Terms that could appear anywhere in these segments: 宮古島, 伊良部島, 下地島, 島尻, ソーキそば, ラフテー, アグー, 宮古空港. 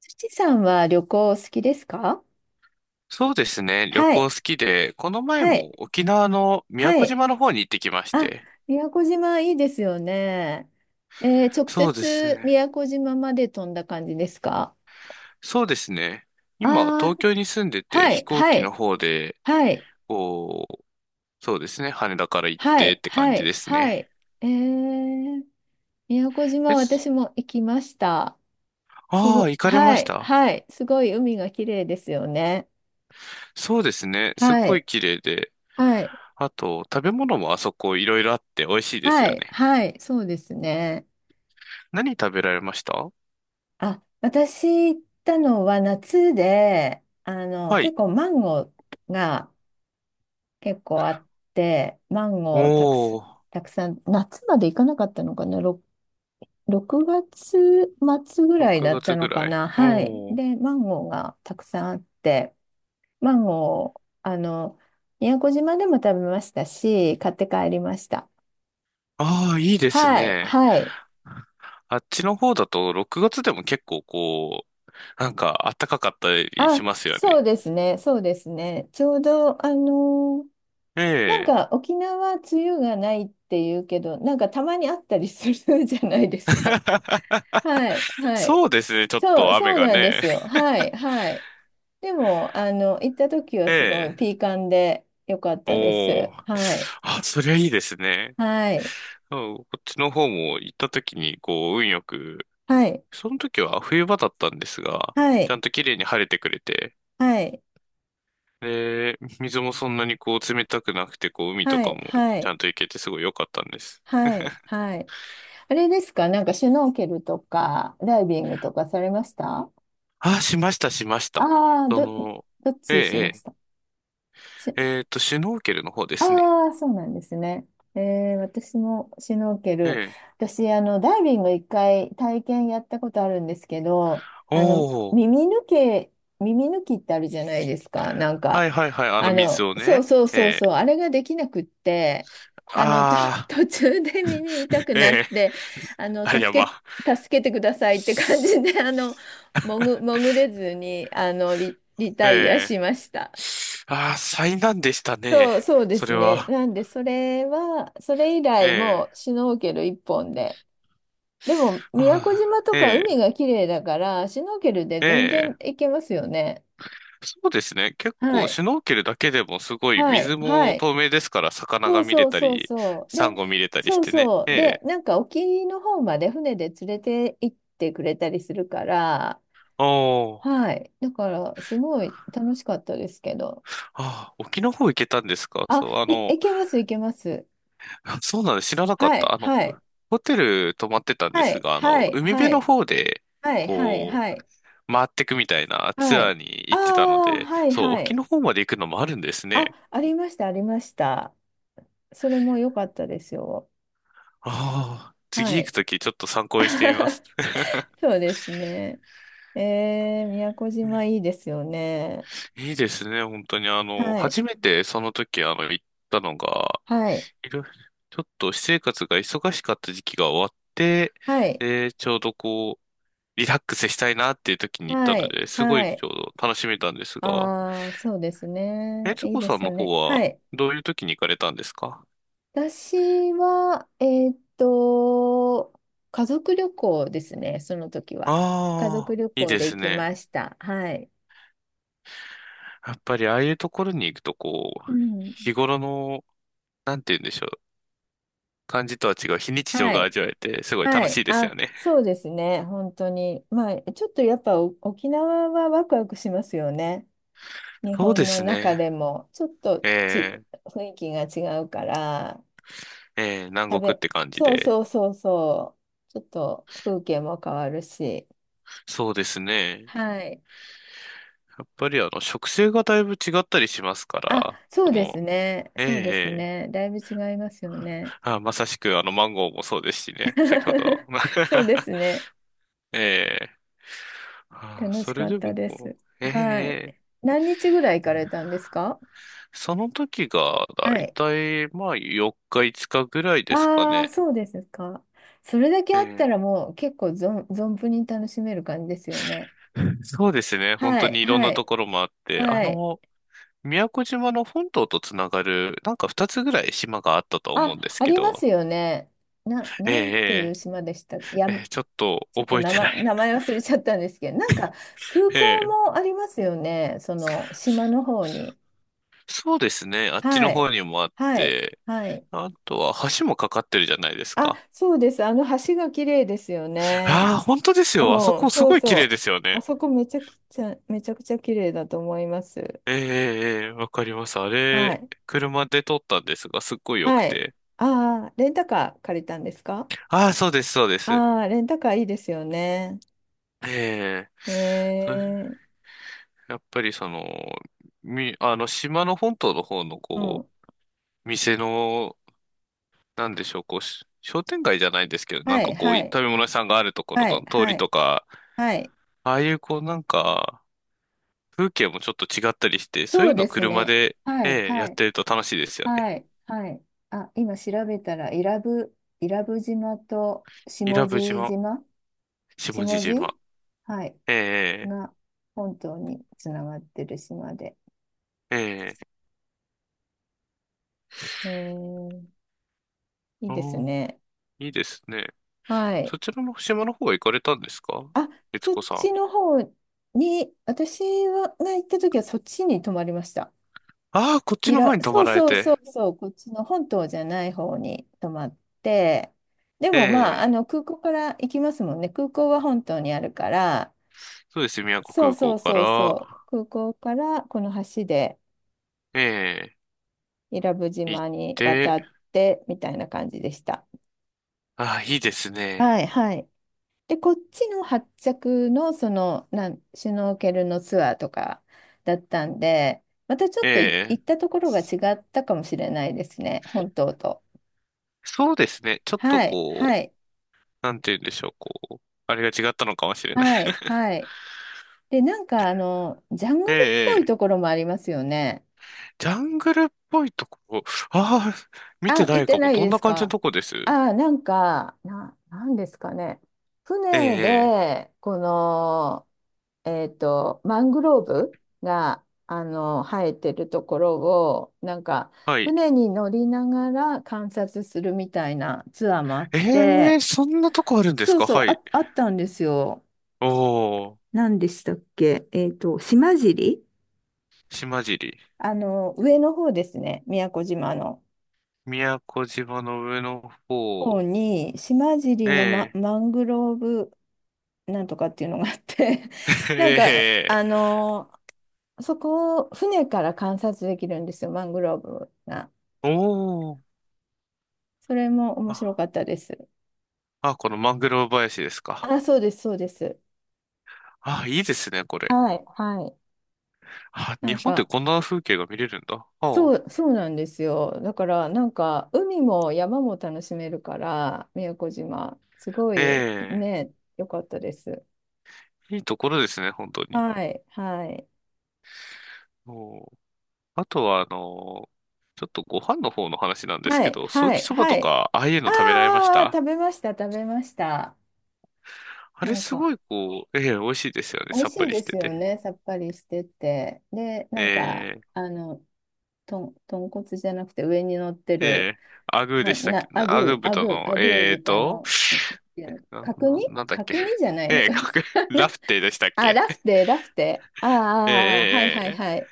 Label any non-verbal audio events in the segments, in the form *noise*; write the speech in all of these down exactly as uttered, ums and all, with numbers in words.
土さんは旅行好きですか？そうですね。旅は行い、好きで、この前はい、も沖縄の宮は古い。島の方に行ってきましあ、て。宮古島いいですよね。えー直そうです接ね。宮古島まで飛んだ感じですか？そうですね。あ今、東あー、京に住んでて、は飛い、行は機のい、方で、はい、こう、そうですね。羽田から行っはてい、って感はじでい、すはね。い。えー、宮古島え、私も行きました。すああ、ご、行かれまはしい、た。はい、すごい海が綺麗ですよね。そうですね。すっはごい、い綺麗で。はい、あと、食べ物もあそこいろいろあって美味しいですはよい、ね。はい、そうですね。何食べられました？あ、私行ったのは夏で、あの、は結い。構マンゴーが結構あって、マンゴーたくさおん、ー、たくさん、夏まで行かなかったのかな、ろろく月末ぐらい6だった月ぐのからい。な、はい。おー、で、マンゴーがたくさんあって、マンゴー、あの、宮古島でも食べましたし、買って帰りました。ああ、いいですはい、ね。はい。あっちの方だとろくがつでも結構こう、なんか暖かかったりあ、しますよそうね。ですね、そうですね。ちょうど、あのえなんえ。か沖縄梅雨がないっていうけど、なんかたまにあったりするじゃないですか。はい、はい。そうですね、ちょっそう、と雨そうがなんでね。すよ。はい、はい。でも、あの、行った時 *laughs* はすごいええ。ピーカンで良かったでおす。ー。はい、あ、そりゃいいですね。はい、そう、こっちの方も行った時にこう運よく、はい、その時は冬場だったんですが、はちい、ゃんと綺麗に晴れてくれて、はい、で、水もそんなにこう冷たくなくて、こう海とはかい、もはちゃい、んと行けてすごい良かったんです。はい、はい。あれですか、なんかシュノーケルとかダイビングとかされましたあ？あ、しました、しました。あー、そど、の、どっえちしえ、ましえたえっと、シュノーケルの方ですね。ああ、そうなんですね。えー、私もシュノーケえル。え。私、あの、ダイビング一回体験やったことあるんですけど、あの、おー。耳抜け、耳抜きってあるじゃないですか。なんはか、いはいはい。あのあ水の、をそうね。そうそうえそう、え。あれができなくって、あの、と、*laughs* ああ。途中で耳痛くえなっえ。て、あの、あれや助ば。け、助けてくださいって感じで、あの、潜、潜れずに、あの、リ、リえタイアしえ。ました。ああ、災難でしたね。そう、そうでそすれね。は。なんで、それは、それ以え来もえ。うシュノーケル一本で。でも、宮古あ島とあ、えか海え。が綺麗だから、シュノーケルで全然ええ。行けますよね。そうですね。結は構、い。シュノーケルだけでもすごい、はい。水はもい。透明ですから、魚そがう見れそうたそうり、そう。サで、ンゴ見れたりしそうてね。そえう。で、え。なんか沖の方まで船で連れて行ってくれたりするから、おー。はい。だから、すごい楽しかったですけど。ああ、沖の方行けたんですか？あ、そう、あい、の、いけます、いけます。*laughs* あ、そうなんです。知らなかっはた。い、あの、はい、ホテル泊まってたんではすい、が、あはの、い、海は辺のい。方で、はいはいこはいう、回ってくみたいなはツアい。ーに行あってたのあ、で、はいそう、は沖い。の方まで行くのもあるんですあ、ね。ありました、ありました。それも良かったですよ。ああ、は次行くい。ときちょっと参考にしてみます。*laughs* そうですね。えー、宮古島いい *laughs* ですよね。いいですね、本当に。あの、はい、初めてその時、あの、行ったのが、はい、いろいろちょっと私生活が忙しかった時期が終わって、はい、で、ちょうどこう、リラックスしたいなっていう時に行ったはのい、で、すごはいい。ちょうど楽しめたんですが、ああ、そうですえね。ついいこでさんすのよ方ね。はは、い。どういう時に行かれたんですか？私は、えーっと、家族旅行ですね、その時は。家族ああ旅ー、いい行でです行きね。ました。はい。やっぱりああいうところに行くと、こう、うん。日頃の、なんて言うんでしょう。感じとは違う非日常はがい。味わえて、すごいは楽しい。いですよあ、ね。そうですね。本当に。まあ、ちょっとやっぱお沖縄はワクワクしますよね。日そうで本のす中ね。でも。ちょっとち、え雰囲気が違うから、ー、えー、食南国っべ、て感じそうで。そうそうそう。ちょっと風景も変わるし。そうですね。はい。やっぱりあの、植生がだいぶ違ったりしますかあ、ら、そそうですの、ね。えーそうですえね。だいぶ違いますー、よね。あ、まさしくあの、マンゴーもそうですしね。先ほど。*laughs* そうですね。*laughs* ええ、ああ、楽しそれかっでたもでこす。う、はい。ええ、何日ぐらい行かれたんですか？その時がだはいい。たいまあよっかいつかぐらいですかああ、ね。そうですか。それだけえあったえ。 らもう結構存、存分に楽しめる感じですよね。*laughs* そうですね。本は当い、にいろんはなとい、ころもあって、あはい。の、宮古島の本島とつながる、なんかふたつぐらい島があったと思うあ、んですあけりますど、よね。な、なんていうええ、島でしたっけや、えちえ、ええ、ちょっとょっと覚え名てな前、い。名前忘れちゃったんですけど、なんか空 *laughs* 港ええ、もありますよね。その島の方に。そうですね。あっちはのい、方にもあっはい、て、はい。あとは橋もかかってるじゃないですあ、か。そうです。あの橋が綺麗ですよああ、ね。本当ですうよ。あそん、こすそうごい綺麗でそすよう。あね。そこめちゃきちゃ、めちゃくちゃ綺麗だと思います。ええ、ええ、わかります。あはれ、い。車で撮ったんですが、すっごい良くはい。て。ああ、レンタカー借りたんですか？ああ、そうです、そうです。ああー、レンタカーいいですよね。ええ、えそー、やっぱりその、み、あの、島の本島の方の、うこん。う、店の、なんでしょう、こう、し商店街じゃないですけど、なはんかい、こう、はいい、食べ物屋さんがあるところはい、の通はりい、とか、はい。ああいう、こう、なんか、風景もちょっと違ったりして、そうそいううでのす車ね。で、はい、ええ、やはっい、てると楽しいですよはね。い、はい。あ、今調べたら、伊良部、伊良部島と伊下良部地島、島、下地下島。地、はい。ええ、が本島につながってる島で。ええ、ええ、えー、いいですね。いいですね。はい。そちらの島の方は行かれたんですか、あ、悦そっ子さん？ちの方に、私はが行った時はそっちに泊まりました。ああ、こっちいの方ら、に泊そまうられそうて。そうそう、こっちの本島じゃない方に泊まって、でえもまあ、あえ、の空港から行きますもんね。空港は本島にあるから、そうです。宮古そう空そ港うかそうら、そう、空港からこの橋でえ伊良部え、行っ島にて、渡ってみたいな感じでした。ああ、いいですね。はいはい。で、こっちの発着の、その、なん、シュノーケルのツアーとかだったんで、またちょえっとい行え、ったところが違ったかもしれないですね、本島と。そうですね。ちょっとはい、はこう、い、なんて言うんでしょう、こう、あれが違ったのかもしれない。はい、はい。で、なんか、あの、ジャン *laughs* えグえ、ルっぽえいとえ、ころもありますよね。ジャングルっぽいところ、ああ、見てあ、行なっいてかなも。いどんでなす感じのか。とこです？あ、なんか、な、なんですかね。え船え、ええ、で、この、えっと、マングローブが、あの、生えてるところを、なんか、はい。船に乗りながら観察するみたいなツアーもあっえて、え、そんなとこあるんですそうか？そう、はい。あ、あったんですよ。おー、何でしたっけ？えっと、島尻、島尻。あの、上の方ですね、宮古島の。宮古島の上の方方。に、島え尻のマ、え。マングローブなんとかっていうのがあって *laughs* なんかえあえ。のーそこを船から観察できるんですよ、マングローブが。おー。それも面白あ、かったです。あ、このマングローブ林ですか？あ、そうですそうです。あ、いいですね、これ。はい、はい。あ、な日ん本ってかこんな風景が見れるんだ。ああ、そうそうなんですよ。だからなんか海も山も楽しめるから宮古島すごいえね良かったです。え。いいところですね、本当に。はいはいお、あとは、あの、ちょっとご飯の方の話なんですはけいど、ソーはキいそばはとい。か、ああいうのあ食べられましーあーあーた？食べました食べました。あなれんすか。ごい、こう、ええ、美味しいですよね。美味さっぱしいりでしてすよて。ね、さっぱりしてて。で、なえんか、え、あの、とん、豚骨じゃなくて上に乗ってえる、え。アグーでな、したっけ、な、アアグーグー、ア豚グー、の、アグーええ豚と、の、なんていうのな、角な、煮なんだっけ。角煮 *laughs* じゃないのええ、かな？ かく、ラフテーでしたっ *laughs* あ、け。ラフテー、ラフテー。あえあ、ああはいえ、はええ、いえはえ。い。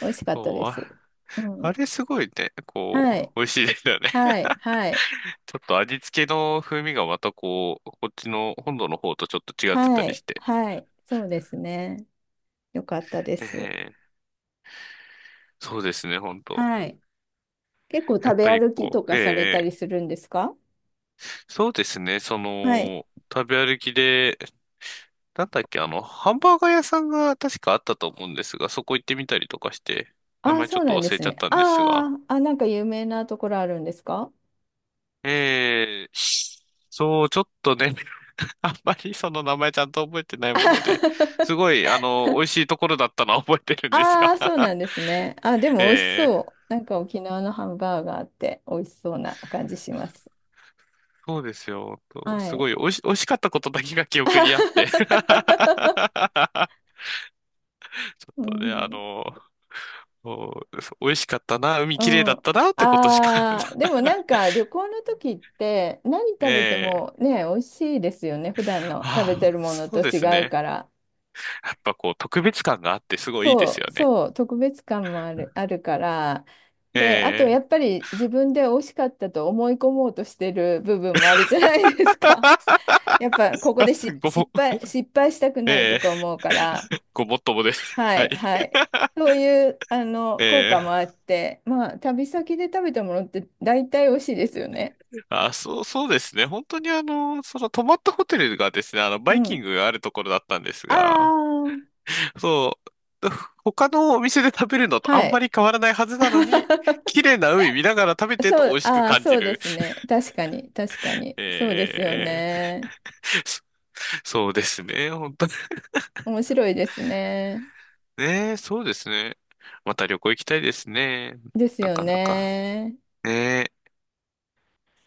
美味しかったでそう。す。うあん。れすごいね、こう、はい、美味しいですよね。は *laughs* い、はい、ちょっと味付けの風味がまたこう、こっちの本土の方とちょっと違ってたはりい、して。はい。そうですね。よかったでえす。え、そうですね、本当。はい。結構やっ食べぱり歩きことう、かえされえ、たえりえ。するんですか？そうですね、そはい。の、食べ歩きで、なんだっけ、あの、ハンバーガー屋さんが確かあったと思うんですが、そこ行ってみたりとかして、名ああ、前ちょそうっとなんで忘れすちゃっね。たんですが。ああ、あ、なんか有名なところあるんですかええ、そう、ちょっとね、*laughs* あんまりその名前ちゃんと覚えてないもので、すごい、あの、美味しいところだったのは *laughs* 覚えてるんですあ？ *laughs* が あー、そう *laughs* なんですね。あ、でも美味しええ、そう。なんか沖縄のハンバーガーって美味しそうな感じします。そうですよ。とはすい。ごい、美味し、美味しかったことだけが記憶にあって *laughs* ちょ *laughs* っうとね、あん。の、そうそう美味しかったな、海う綺麗ん。だったな、ってことしか ああ、でもなんか旅行の時って何食べて *laughs* ええ、もね、美味しいですよね。普段の食べあてるあ、ものそとうです違うね。から。やっぱこう、特別感があってすごいいいですそよう、ね。そう、特別感もある、*laughs* あるから、で、あとやっえぱり自分で惜しかったと思い込もうとしてる部分もあるじゃないですか。*laughs* やっぱここえ、でしご失も、敗、失敗したくないと *laughs* かええ、思うから、ごもっともです。*laughs* ははい。い、はい。そういうあの効え果もあえ、って、まあ、旅先で食べたものって大体美味しいですよね。あ、そう、そうですね。本当にあの、その泊まったホテルがですね、あの、うバイキンん。グがあるところだったんですあが、あ、そう、他のお店で食べるのとあはんまい。り変わらないはずなのに、*laughs* 綺麗な海見ながら食べてるとそ美う、味しくああ、感そじうでる。すね。確かに、確かに。そうですよええ、ね。そそうですね。本当に面白いですね。ね。そうですね。また旅行行きたいですね。ですなよかなか。ね。ねえ。